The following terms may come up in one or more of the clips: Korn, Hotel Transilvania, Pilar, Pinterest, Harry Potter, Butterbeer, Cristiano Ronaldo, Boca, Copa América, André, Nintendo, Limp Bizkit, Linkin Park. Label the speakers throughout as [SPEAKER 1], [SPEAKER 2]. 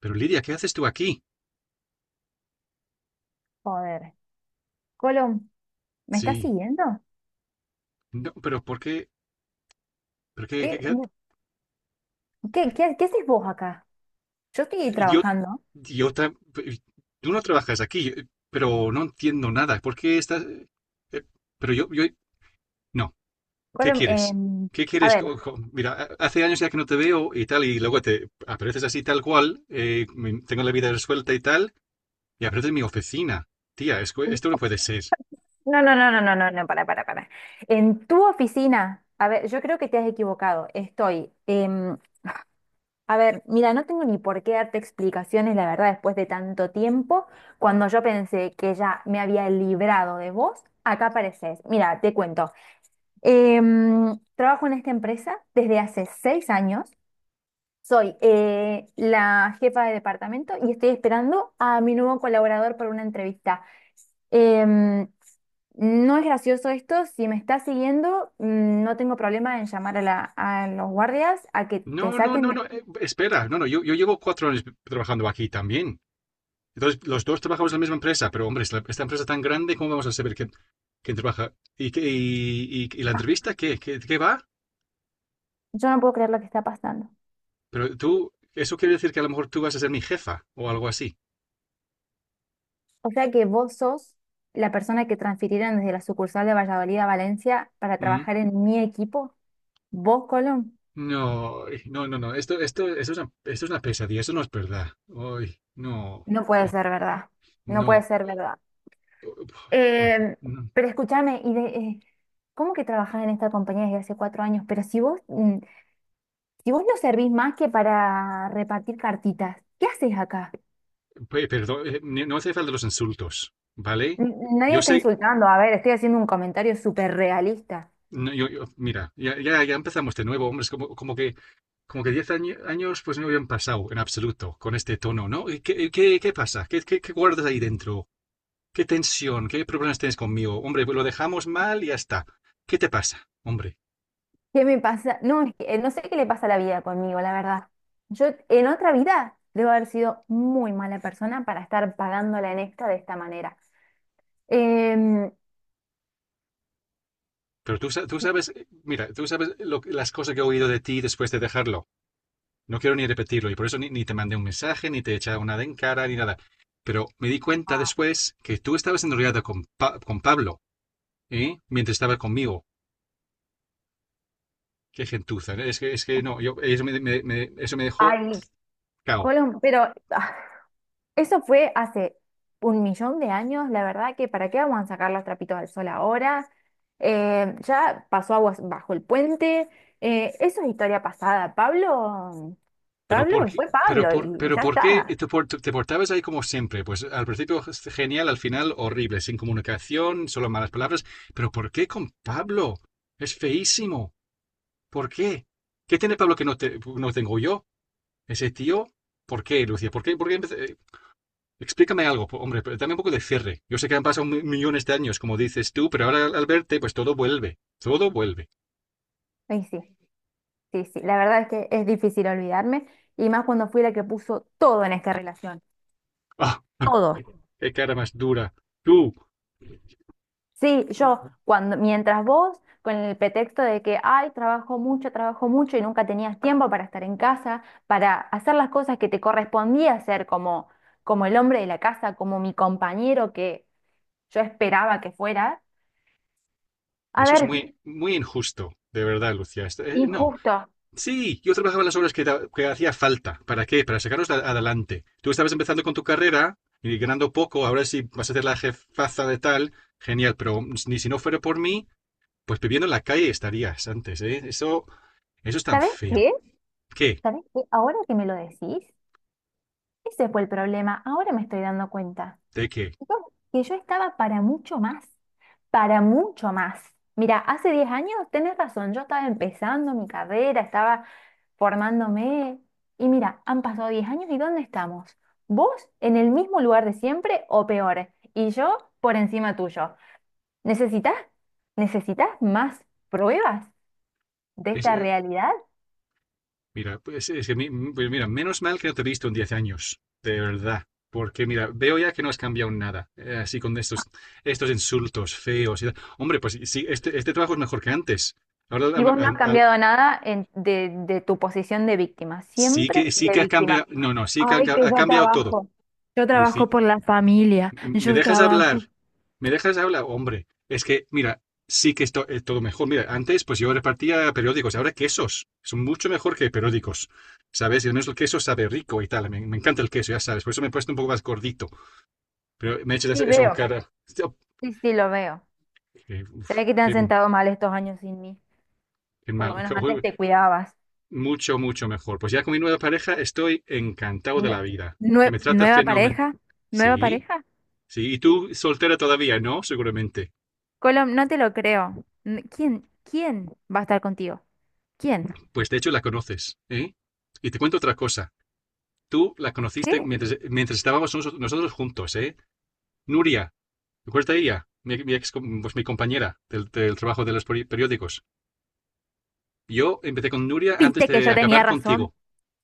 [SPEAKER 1] Pero Lidia, ¿qué haces tú aquí?
[SPEAKER 2] Joder. Colom, ¿me estás
[SPEAKER 1] Sí,
[SPEAKER 2] siguiendo?
[SPEAKER 1] no, pero ¿por qué? ¿Por qué,
[SPEAKER 2] ¿Qué, qué haces vos acá? Yo estoy
[SPEAKER 1] Yo,
[SPEAKER 2] trabajando.
[SPEAKER 1] yo, tra- tú no trabajas aquí, pero no entiendo nada. ¿Por qué estás? eh, Pero yo, no. ¿Qué
[SPEAKER 2] Colom,
[SPEAKER 1] quieres? ¿Qué
[SPEAKER 2] a
[SPEAKER 1] quieres?
[SPEAKER 2] ver.
[SPEAKER 1] Mira, hace años ya que no te veo y tal, y luego te apareces así tal cual. Tengo la vida resuelta y tal, y apareces en mi oficina. Tía, es que esto no puede ser.
[SPEAKER 2] No, no, no, no, no, no, no, para, para. En tu oficina, a ver, yo creo que te has equivocado. A ver, mira, no tengo ni por qué darte explicaciones, la verdad, después de tanto tiempo, cuando yo pensé que ya me había librado de vos, acá apareces. Mira, te cuento. Trabajo en esta empresa desde hace 6 años. Soy la jefa de departamento y estoy esperando a mi nuevo colaborador para una entrevista. Em, no es gracioso esto, si me estás siguiendo, no tengo problema en llamar a, a los guardias a que te
[SPEAKER 1] No, no,
[SPEAKER 2] saquen
[SPEAKER 1] no, no. Espera, no, no. Yo llevo 4 años trabajando aquí también. Entonces, los dos trabajamos en la misma empresa, pero hombre, esta empresa tan grande, ¿cómo vamos a saber quién, quién trabaja? ¿Y y, y la entrevista qué? ¿Qué, qué va?
[SPEAKER 2] Yo no puedo creer lo que está pasando.
[SPEAKER 1] Pero tú, eso quiere decir que a lo mejor tú vas a ser mi jefa o algo así.
[SPEAKER 2] O sea que vos sos la persona que transfirieron desde la sucursal de Valladolid a Valencia para
[SPEAKER 1] ¿Mm?
[SPEAKER 2] trabajar en mi equipo, vos, Colón.
[SPEAKER 1] No, ay, no, no, no, esto esto es una pesadilla, eso no es verdad. Ay, no,
[SPEAKER 2] No puede
[SPEAKER 1] ay,
[SPEAKER 2] ser verdad, no puede
[SPEAKER 1] no.
[SPEAKER 2] ser verdad.
[SPEAKER 1] Bueno,
[SPEAKER 2] Eh,
[SPEAKER 1] no,
[SPEAKER 2] pero escúchame, ¿cómo que trabajás en esta compañía desde hace 4 años? Pero si vos, si vos no servís más que para repartir cartitas, ¿qué haces acá?
[SPEAKER 1] perdón, no hace falta los insultos, ¿vale?
[SPEAKER 2] Nadie
[SPEAKER 1] Yo
[SPEAKER 2] está
[SPEAKER 1] sé,
[SPEAKER 2] insultando, a ver, estoy haciendo un comentario súper realista.
[SPEAKER 1] no, yo, mira, ya, ya, ya empezamos de nuevo, hombre, es como, como que 10 años pues no habían pasado en absoluto con este tono, ¿no? ¿Y qué, qué, qué pasa? ¿Qué, qué, qué guardas ahí dentro? ¿Qué tensión? ¿Qué problemas tienes conmigo? Hombre, pues lo dejamos mal y ya está. ¿Qué te pasa, hombre?
[SPEAKER 2] ¿Qué me pasa? No, es que, no sé qué le pasa a la vida conmigo, la verdad. Yo en otra vida debo haber sido muy mala persona para estar pagándola en esta de esta manera. Em,
[SPEAKER 1] Pero tú, tú sabes, mira, tú sabes las cosas que he oído de ti después de dejarlo. No quiero ni repetirlo y por eso ni, ni te mandé un mensaje, ni te he echado nada en cara, ni nada. Pero me di cuenta
[SPEAKER 2] Ah.
[SPEAKER 1] después que tú estabas enrollada con, con Pablo, ¿eh? Mientras estaba conmigo. Qué gentuza, ¿no? Es que no, yo, eso me dejó
[SPEAKER 2] Ay,
[SPEAKER 1] cao.
[SPEAKER 2] Colón, pero eso fue hace un millón de años, la verdad que ¿para qué vamos a sacar los trapitos al sol ahora? Ya pasó aguas bajo el puente, eso es historia pasada. Pablo,
[SPEAKER 1] Pero ¿por
[SPEAKER 2] Pablo
[SPEAKER 1] qué,
[SPEAKER 2] fue Pablo y
[SPEAKER 1] pero
[SPEAKER 2] ya
[SPEAKER 1] por qué
[SPEAKER 2] está.
[SPEAKER 1] te, te portabas ahí como siempre? Pues al principio genial, al final horrible, sin comunicación, solo malas palabras. Pero ¿por qué con Pablo? Es feísimo. ¿Por qué? ¿Qué tiene Pablo que no, no tengo yo? ¿Ese tío? ¿Por qué, Lucía? ¿Por qué? Explícame algo, hombre, pero dame un poco de cierre. Yo sé que han pasado millones de años, como dices tú, pero ahora al verte, pues todo vuelve. Todo vuelve.
[SPEAKER 2] Y sí, sí, sí, la verdad es que es difícil olvidarme y más cuando fui la que puso todo en esta relación,
[SPEAKER 1] ¡Ah!
[SPEAKER 2] todo.
[SPEAKER 1] ¡Qué cara más dura! Tú,
[SPEAKER 2] Sí, yo cuando mientras vos con el pretexto de que ay, trabajo mucho y nunca tenías tiempo para estar en casa, para hacer las cosas que te correspondía hacer como como el hombre de la casa, como mi compañero que yo esperaba que fuera. A
[SPEAKER 1] eso es
[SPEAKER 2] ver,
[SPEAKER 1] muy injusto, de verdad, Lucía. No,
[SPEAKER 2] injusto.
[SPEAKER 1] sí, yo trabajaba las obras que, que hacía falta. ¿Para qué? Para sacarnos adelante. Tú estabas empezando con tu carrera y ganando poco, ahora sí vas a ser la jefaza de tal, genial, pero ni si no fuera por mí, pues viviendo en la calle estarías antes, ¿eh? Eso es tan
[SPEAKER 2] ¿Sabés
[SPEAKER 1] feo.
[SPEAKER 2] qué?
[SPEAKER 1] ¿Qué?
[SPEAKER 2] ¿Sabés qué? Ahora que me lo decís, ese fue el problema. Ahora me estoy dando cuenta.
[SPEAKER 1] ¿De qué?
[SPEAKER 2] Que yo estaba para mucho más, para mucho más. Mira, hace 10 años, tenés razón, yo estaba empezando mi carrera, estaba formándome y mira, han pasado 10 años y ¿dónde estamos? ¿Vos en el mismo lugar de siempre o peor? Y yo por encima tuyo. ¿Necesitas, necesitas más pruebas de
[SPEAKER 1] Es,
[SPEAKER 2] esta
[SPEAKER 1] eh,
[SPEAKER 2] realidad?
[SPEAKER 1] Mira, pues mira, menos mal que no te he visto en 10 años, de verdad. Porque mira, veo ya que no has cambiado nada, así con estos insultos feos y tal. Hombre, pues sí, sí, este trabajo es mejor que antes. Ahora
[SPEAKER 2] Y vos no has cambiado nada de tu posición de víctima,
[SPEAKER 1] sí
[SPEAKER 2] siempre
[SPEAKER 1] que
[SPEAKER 2] de
[SPEAKER 1] ha
[SPEAKER 2] víctima.
[SPEAKER 1] cambiado, no, no, sí que han
[SPEAKER 2] Ay, que
[SPEAKER 1] ha,
[SPEAKER 2] yo
[SPEAKER 1] cambiado todo.
[SPEAKER 2] trabajo. Yo
[SPEAKER 1] Lucy,
[SPEAKER 2] trabajo por la familia,
[SPEAKER 1] ¿me
[SPEAKER 2] yo
[SPEAKER 1] dejas
[SPEAKER 2] trabajo.
[SPEAKER 1] hablar? ¿Me dejas hablar? Hombre, es que, mira, sí que esto es todo mejor. Mira, antes pues yo repartía periódicos, ahora quesos. Son mucho mejor que periódicos, ¿sabes? Y al menos el queso sabe rico y tal. Me encanta el queso, ya sabes. Por eso me he puesto un poco más gordito. Pero me echas
[SPEAKER 2] Sí,
[SPEAKER 1] eso en
[SPEAKER 2] veo.
[SPEAKER 1] cara. Oh,
[SPEAKER 2] Sí, sí, lo veo.
[SPEAKER 1] qué,
[SPEAKER 2] Se
[SPEAKER 1] uf,
[SPEAKER 2] ve que te han sentado mal estos años sin mí.
[SPEAKER 1] qué
[SPEAKER 2] Por lo
[SPEAKER 1] mal.
[SPEAKER 2] menos antes te cuidabas.
[SPEAKER 1] Mucho, mucho mejor. Pues ya con mi nueva pareja estoy encantado de
[SPEAKER 2] Nue-
[SPEAKER 1] la vida. Que me trata
[SPEAKER 2] Nueva
[SPEAKER 1] fenómeno.
[SPEAKER 2] pareja, nueva
[SPEAKER 1] Sí,
[SPEAKER 2] pareja.
[SPEAKER 1] sí. Y tú soltera todavía, ¿no? Seguramente.
[SPEAKER 2] Colom, no te lo creo. ¿Quién, quién va a estar contigo? ¿Quién?
[SPEAKER 1] Pues de hecho la conoces, ¿eh? Y te cuento otra cosa. Tú la
[SPEAKER 2] ¿Qué?
[SPEAKER 1] conociste mientras, mientras estábamos nosotros juntos, ¿eh? Nuria, ¿te acuerdas de ella? Mi ex, pues mi compañera del, del trabajo de los periódicos. Yo empecé con Nuria antes
[SPEAKER 2] ¿Viste que
[SPEAKER 1] de
[SPEAKER 2] yo tenía
[SPEAKER 1] acabar
[SPEAKER 2] razón?
[SPEAKER 1] contigo.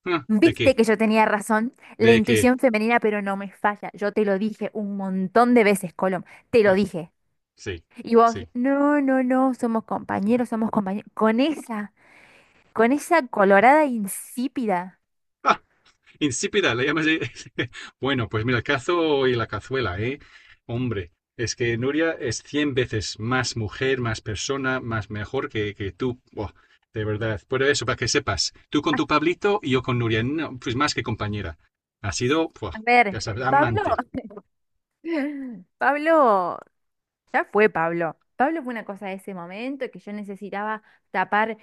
[SPEAKER 1] Ah, ¿de
[SPEAKER 2] ¿Viste
[SPEAKER 1] qué?
[SPEAKER 2] que yo tenía razón? La
[SPEAKER 1] ¿De qué?
[SPEAKER 2] intuición femenina, pero no me falla. Yo te lo dije un montón de veces, Colom. Te lo
[SPEAKER 1] Ah,
[SPEAKER 2] dije.
[SPEAKER 1] sí,
[SPEAKER 2] Y vos,
[SPEAKER 1] sí.
[SPEAKER 2] no, no, no, somos compañeros, somos compañeros. Con esa colorada insípida.
[SPEAKER 1] Ah, insípida, la llamas. De. Bueno, pues mira, el cazo y la cazuela, ¿eh? Hombre, es que Nuria es 100 veces más mujer, más persona, más mejor que tú. Buah, de verdad. Por eso, para que sepas, tú con tu Pablito y yo con Nuria, no, pues más que compañera. Ha sido,
[SPEAKER 2] A
[SPEAKER 1] buah,
[SPEAKER 2] ver,
[SPEAKER 1] ya sabes,
[SPEAKER 2] Pablo,
[SPEAKER 1] amante.
[SPEAKER 2] Pablo, ya fue Pablo. Pablo fue una cosa de ese momento que yo necesitaba tapar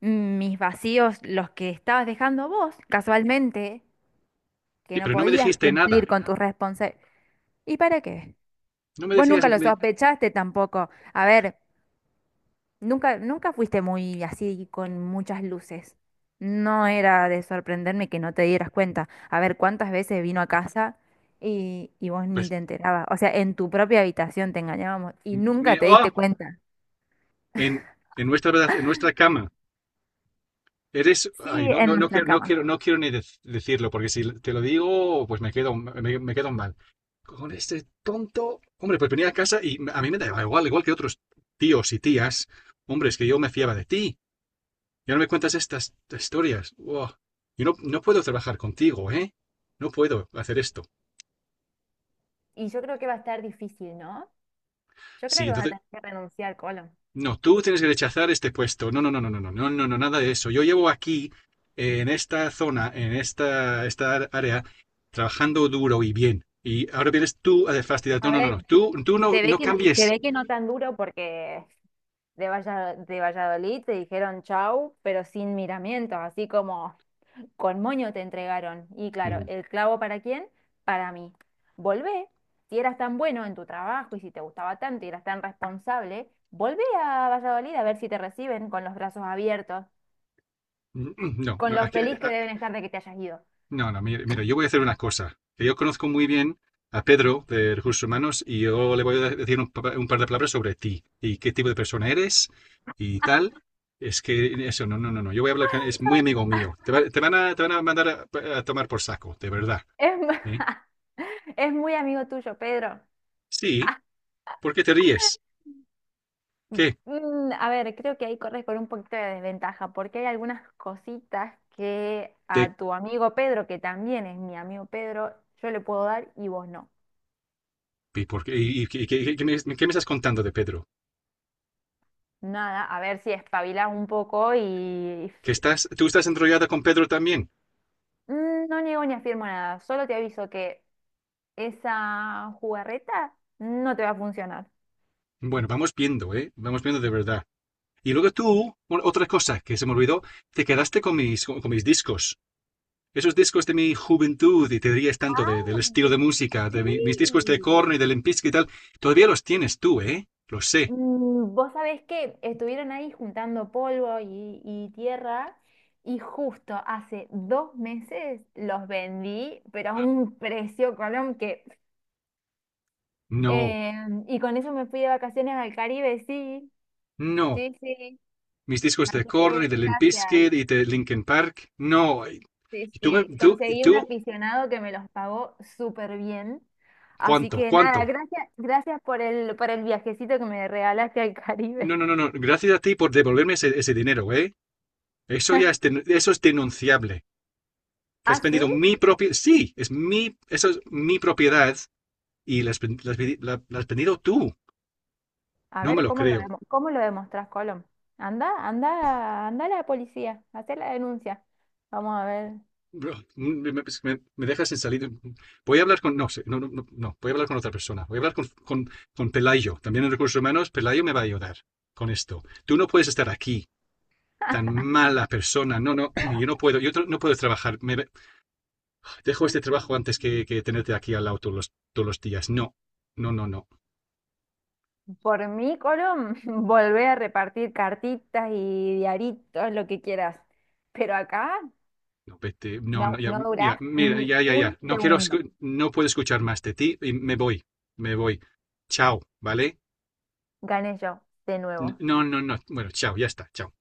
[SPEAKER 2] mis vacíos, los que estabas dejando vos, casualmente, que
[SPEAKER 1] Sí,
[SPEAKER 2] no
[SPEAKER 1] pero no me
[SPEAKER 2] podías
[SPEAKER 1] dijiste
[SPEAKER 2] cumplir
[SPEAKER 1] nada.
[SPEAKER 2] con tus responsabilidades. ¿Y para qué?
[SPEAKER 1] No me
[SPEAKER 2] Vos
[SPEAKER 1] decías,
[SPEAKER 2] nunca lo sospechaste tampoco. A ver. Nunca, nunca fuiste muy así con muchas luces. No era de sorprenderme que no te dieras cuenta. A ver, ¿cuántas veces vino a casa y vos ni
[SPEAKER 1] pues,
[SPEAKER 2] te enterabas? O sea, en tu propia habitación te engañábamos y
[SPEAKER 1] me,
[SPEAKER 2] nunca te
[SPEAKER 1] oh,
[SPEAKER 2] diste cuenta.
[SPEAKER 1] en, en nuestra, en nuestra cama. Eres,
[SPEAKER 2] Sí,
[SPEAKER 1] ay, no,
[SPEAKER 2] en
[SPEAKER 1] no, no,
[SPEAKER 2] nuestra
[SPEAKER 1] quiero, no
[SPEAKER 2] cama.
[SPEAKER 1] quiero, no quiero ni decirlo, porque si te lo digo, pues me quedo, me quedo mal. Con este tonto, hombre, pues venía a casa y a mí me daba igual, igual que otros tíos y tías, hombre, es que yo me fiaba de ti. Ya no me cuentas estas historias. Buah. Yo no, no puedo trabajar contigo, ¿eh? No puedo hacer esto.
[SPEAKER 2] Y yo creo que va a estar difícil, ¿no? Yo creo
[SPEAKER 1] Sí,
[SPEAKER 2] que vas a
[SPEAKER 1] entonces
[SPEAKER 2] tener que renunciar, Colo.
[SPEAKER 1] no, tú tienes que rechazar este puesto. No, no, no, no, no, no, no, no, no, nada de eso. Yo llevo aquí, en esta zona, en esta área, trabajando duro y bien. Y ahora vienes tú a fastidiar.
[SPEAKER 2] A
[SPEAKER 1] No, no, no,
[SPEAKER 2] ver,
[SPEAKER 1] no. Tú no,
[SPEAKER 2] se ve
[SPEAKER 1] no
[SPEAKER 2] que no, se
[SPEAKER 1] cambies.
[SPEAKER 2] ve que no. No tan duro porque de Valladolid te dijeron chau, pero sin miramientos, así como con moño te entregaron. Y claro,
[SPEAKER 1] Mm,
[SPEAKER 2] ¿el clavo para quién? Para mí. Volvé, si eras tan bueno en tu trabajo y si te gustaba tanto y eras tan responsable, volvé a Valladolid a ver si te reciben con los brazos abiertos,
[SPEAKER 1] No,
[SPEAKER 2] con
[SPEAKER 1] no,
[SPEAKER 2] lo feliz que deben estar de que te hayas ido.
[SPEAKER 1] no, no, mira, mira, yo voy a hacer una cosa que yo conozco muy bien a Pedro de Recursos Humanos y yo le voy a decir un par de palabras sobre ti y qué tipo de persona eres y tal. Es que eso, no, no, no, no. Yo voy a hablar con, es muy amigo mío. Te van a mandar a tomar por saco, de verdad.
[SPEAKER 2] Es,
[SPEAKER 1] ¿Eh?
[SPEAKER 2] es muy amigo tuyo, Pedro.
[SPEAKER 1] Sí, ¿por qué te ríes? ¿Qué?
[SPEAKER 2] Mm, a ver, creo que ahí corres con un poquito de desventaja, porque hay algunas cositas que
[SPEAKER 1] ¿De,
[SPEAKER 2] a tu amigo Pedro, que también es mi amigo Pedro, yo le puedo dar y vos no.
[SPEAKER 1] y por qué, qué me estás contando de Pedro?
[SPEAKER 2] Nada, a ver si espabilás un poco y
[SPEAKER 1] ¿Que estás, tú estás enrollada con Pedro también?
[SPEAKER 2] mm, no niego ni afirmo nada, solo te aviso que esa jugarreta no te va a funcionar.
[SPEAKER 1] Bueno, vamos viendo, ¿eh? Vamos viendo de verdad. Y luego tú, bueno, otra cosa que se me olvidó, te quedaste con mis discos. Esos discos de mi juventud, y te dirías tanto del estilo
[SPEAKER 2] Ah,
[SPEAKER 1] de música, de mis discos
[SPEAKER 2] sí.
[SPEAKER 1] de Korn y de Limp Bizkit y tal, todavía los tienes tú, ¿eh? Lo sé.
[SPEAKER 2] Mm, vos sabés que estuvieron ahí juntando polvo y tierra y justo hace 2 meses los vendí, pero a un precio, Colón, que...
[SPEAKER 1] No,
[SPEAKER 2] eh, y con eso me fui de vacaciones al Caribe, sí.
[SPEAKER 1] no.
[SPEAKER 2] Sí, sí.
[SPEAKER 1] Mis discos de
[SPEAKER 2] Así
[SPEAKER 1] Korn
[SPEAKER 2] que
[SPEAKER 1] y de Limp
[SPEAKER 2] gracias.
[SPEAKER 1] Bizkit y de Linkin Park, no.
[SPEAKER 2] Sí,
[SPEAKER 1] Y tú,
[SPEAKER 2] sí, conseguí un
[SPEAKER 1] tú,
[SPEAKER 2] aficionado que me los pagó súper bien. Así
[SPEAKER 1] ¿cuánto?
[SPEAKER 2] que nada,
[SPEAKER 1] ¿Cuánto?
[SPEAKER 2] gracias, gracias por el viajecito que me regalaste al
[SPEAKER 1] No,
[SPEAKER 2] Caribe.
[SPEAKER 1] no, no, no. Gracias a ti por devolverme ese dinero, ¿eh? Eso ya es, eso es denunciable. Que has
[SPEAKER 2] Ah, sí,
[SPEAKER 1] vendido mi propiedad. Sí, es mi, eso es mi propiedad y las, las pedido tú.
[SPEAKER 2] a
[SPEAKER 1] No me
[SPEAKER 2] ver,
[SPEAKER 1] lo creo.
[SPEAKER 2] ¿cómo lo demostrás, Colom? Anda, anda, anda a la policía, hacé la denuncia. Vamos a ver.
[SPEAKER 1] Bro, dejas sin salir. Voy a hablar con. No sé, no, no, no, no, voy a hablar con otra persona. Voy a hablar con Pelayo. También en recursos humanos, Pelayo me va a ayudar con esto. Tú no puedes estar aquí, tan mala persona. No, no, yo no puedo, no puedo trabajar. Dejo este trabajo antes que tenerte aquí al lado todos los días. No, no, no, no.
[SPEAKER 2] Por mí, Colom, volvé a repartir cartitas y diaritos, lo que quieras. Pero acá
[SPEAKER 1] No, vete, no,
[SPEAKER 2] no,
[SPEAKER 1] no, ya,
[SPEAKER 2] no
[SPEAKER 1] mira,
[SPEAKER 2] durás
[SPEAKER 1] mira,
[SPEAKER 2] ni
[SPEAKER 1] ya, ya, ya.
[SPEAKER 2] un
[SPEAKER 1] No quiero,
[SPEAKER 2] segundo.
[SPEAKER 1] no puedo escuchar más de ti y me voy, me voy. Chao, ¿vale?
[SPEAKER 2] Gané yo, de nuevo.
[SPEAKER 1] No, no, no. Bueno, chao, ya está, chao.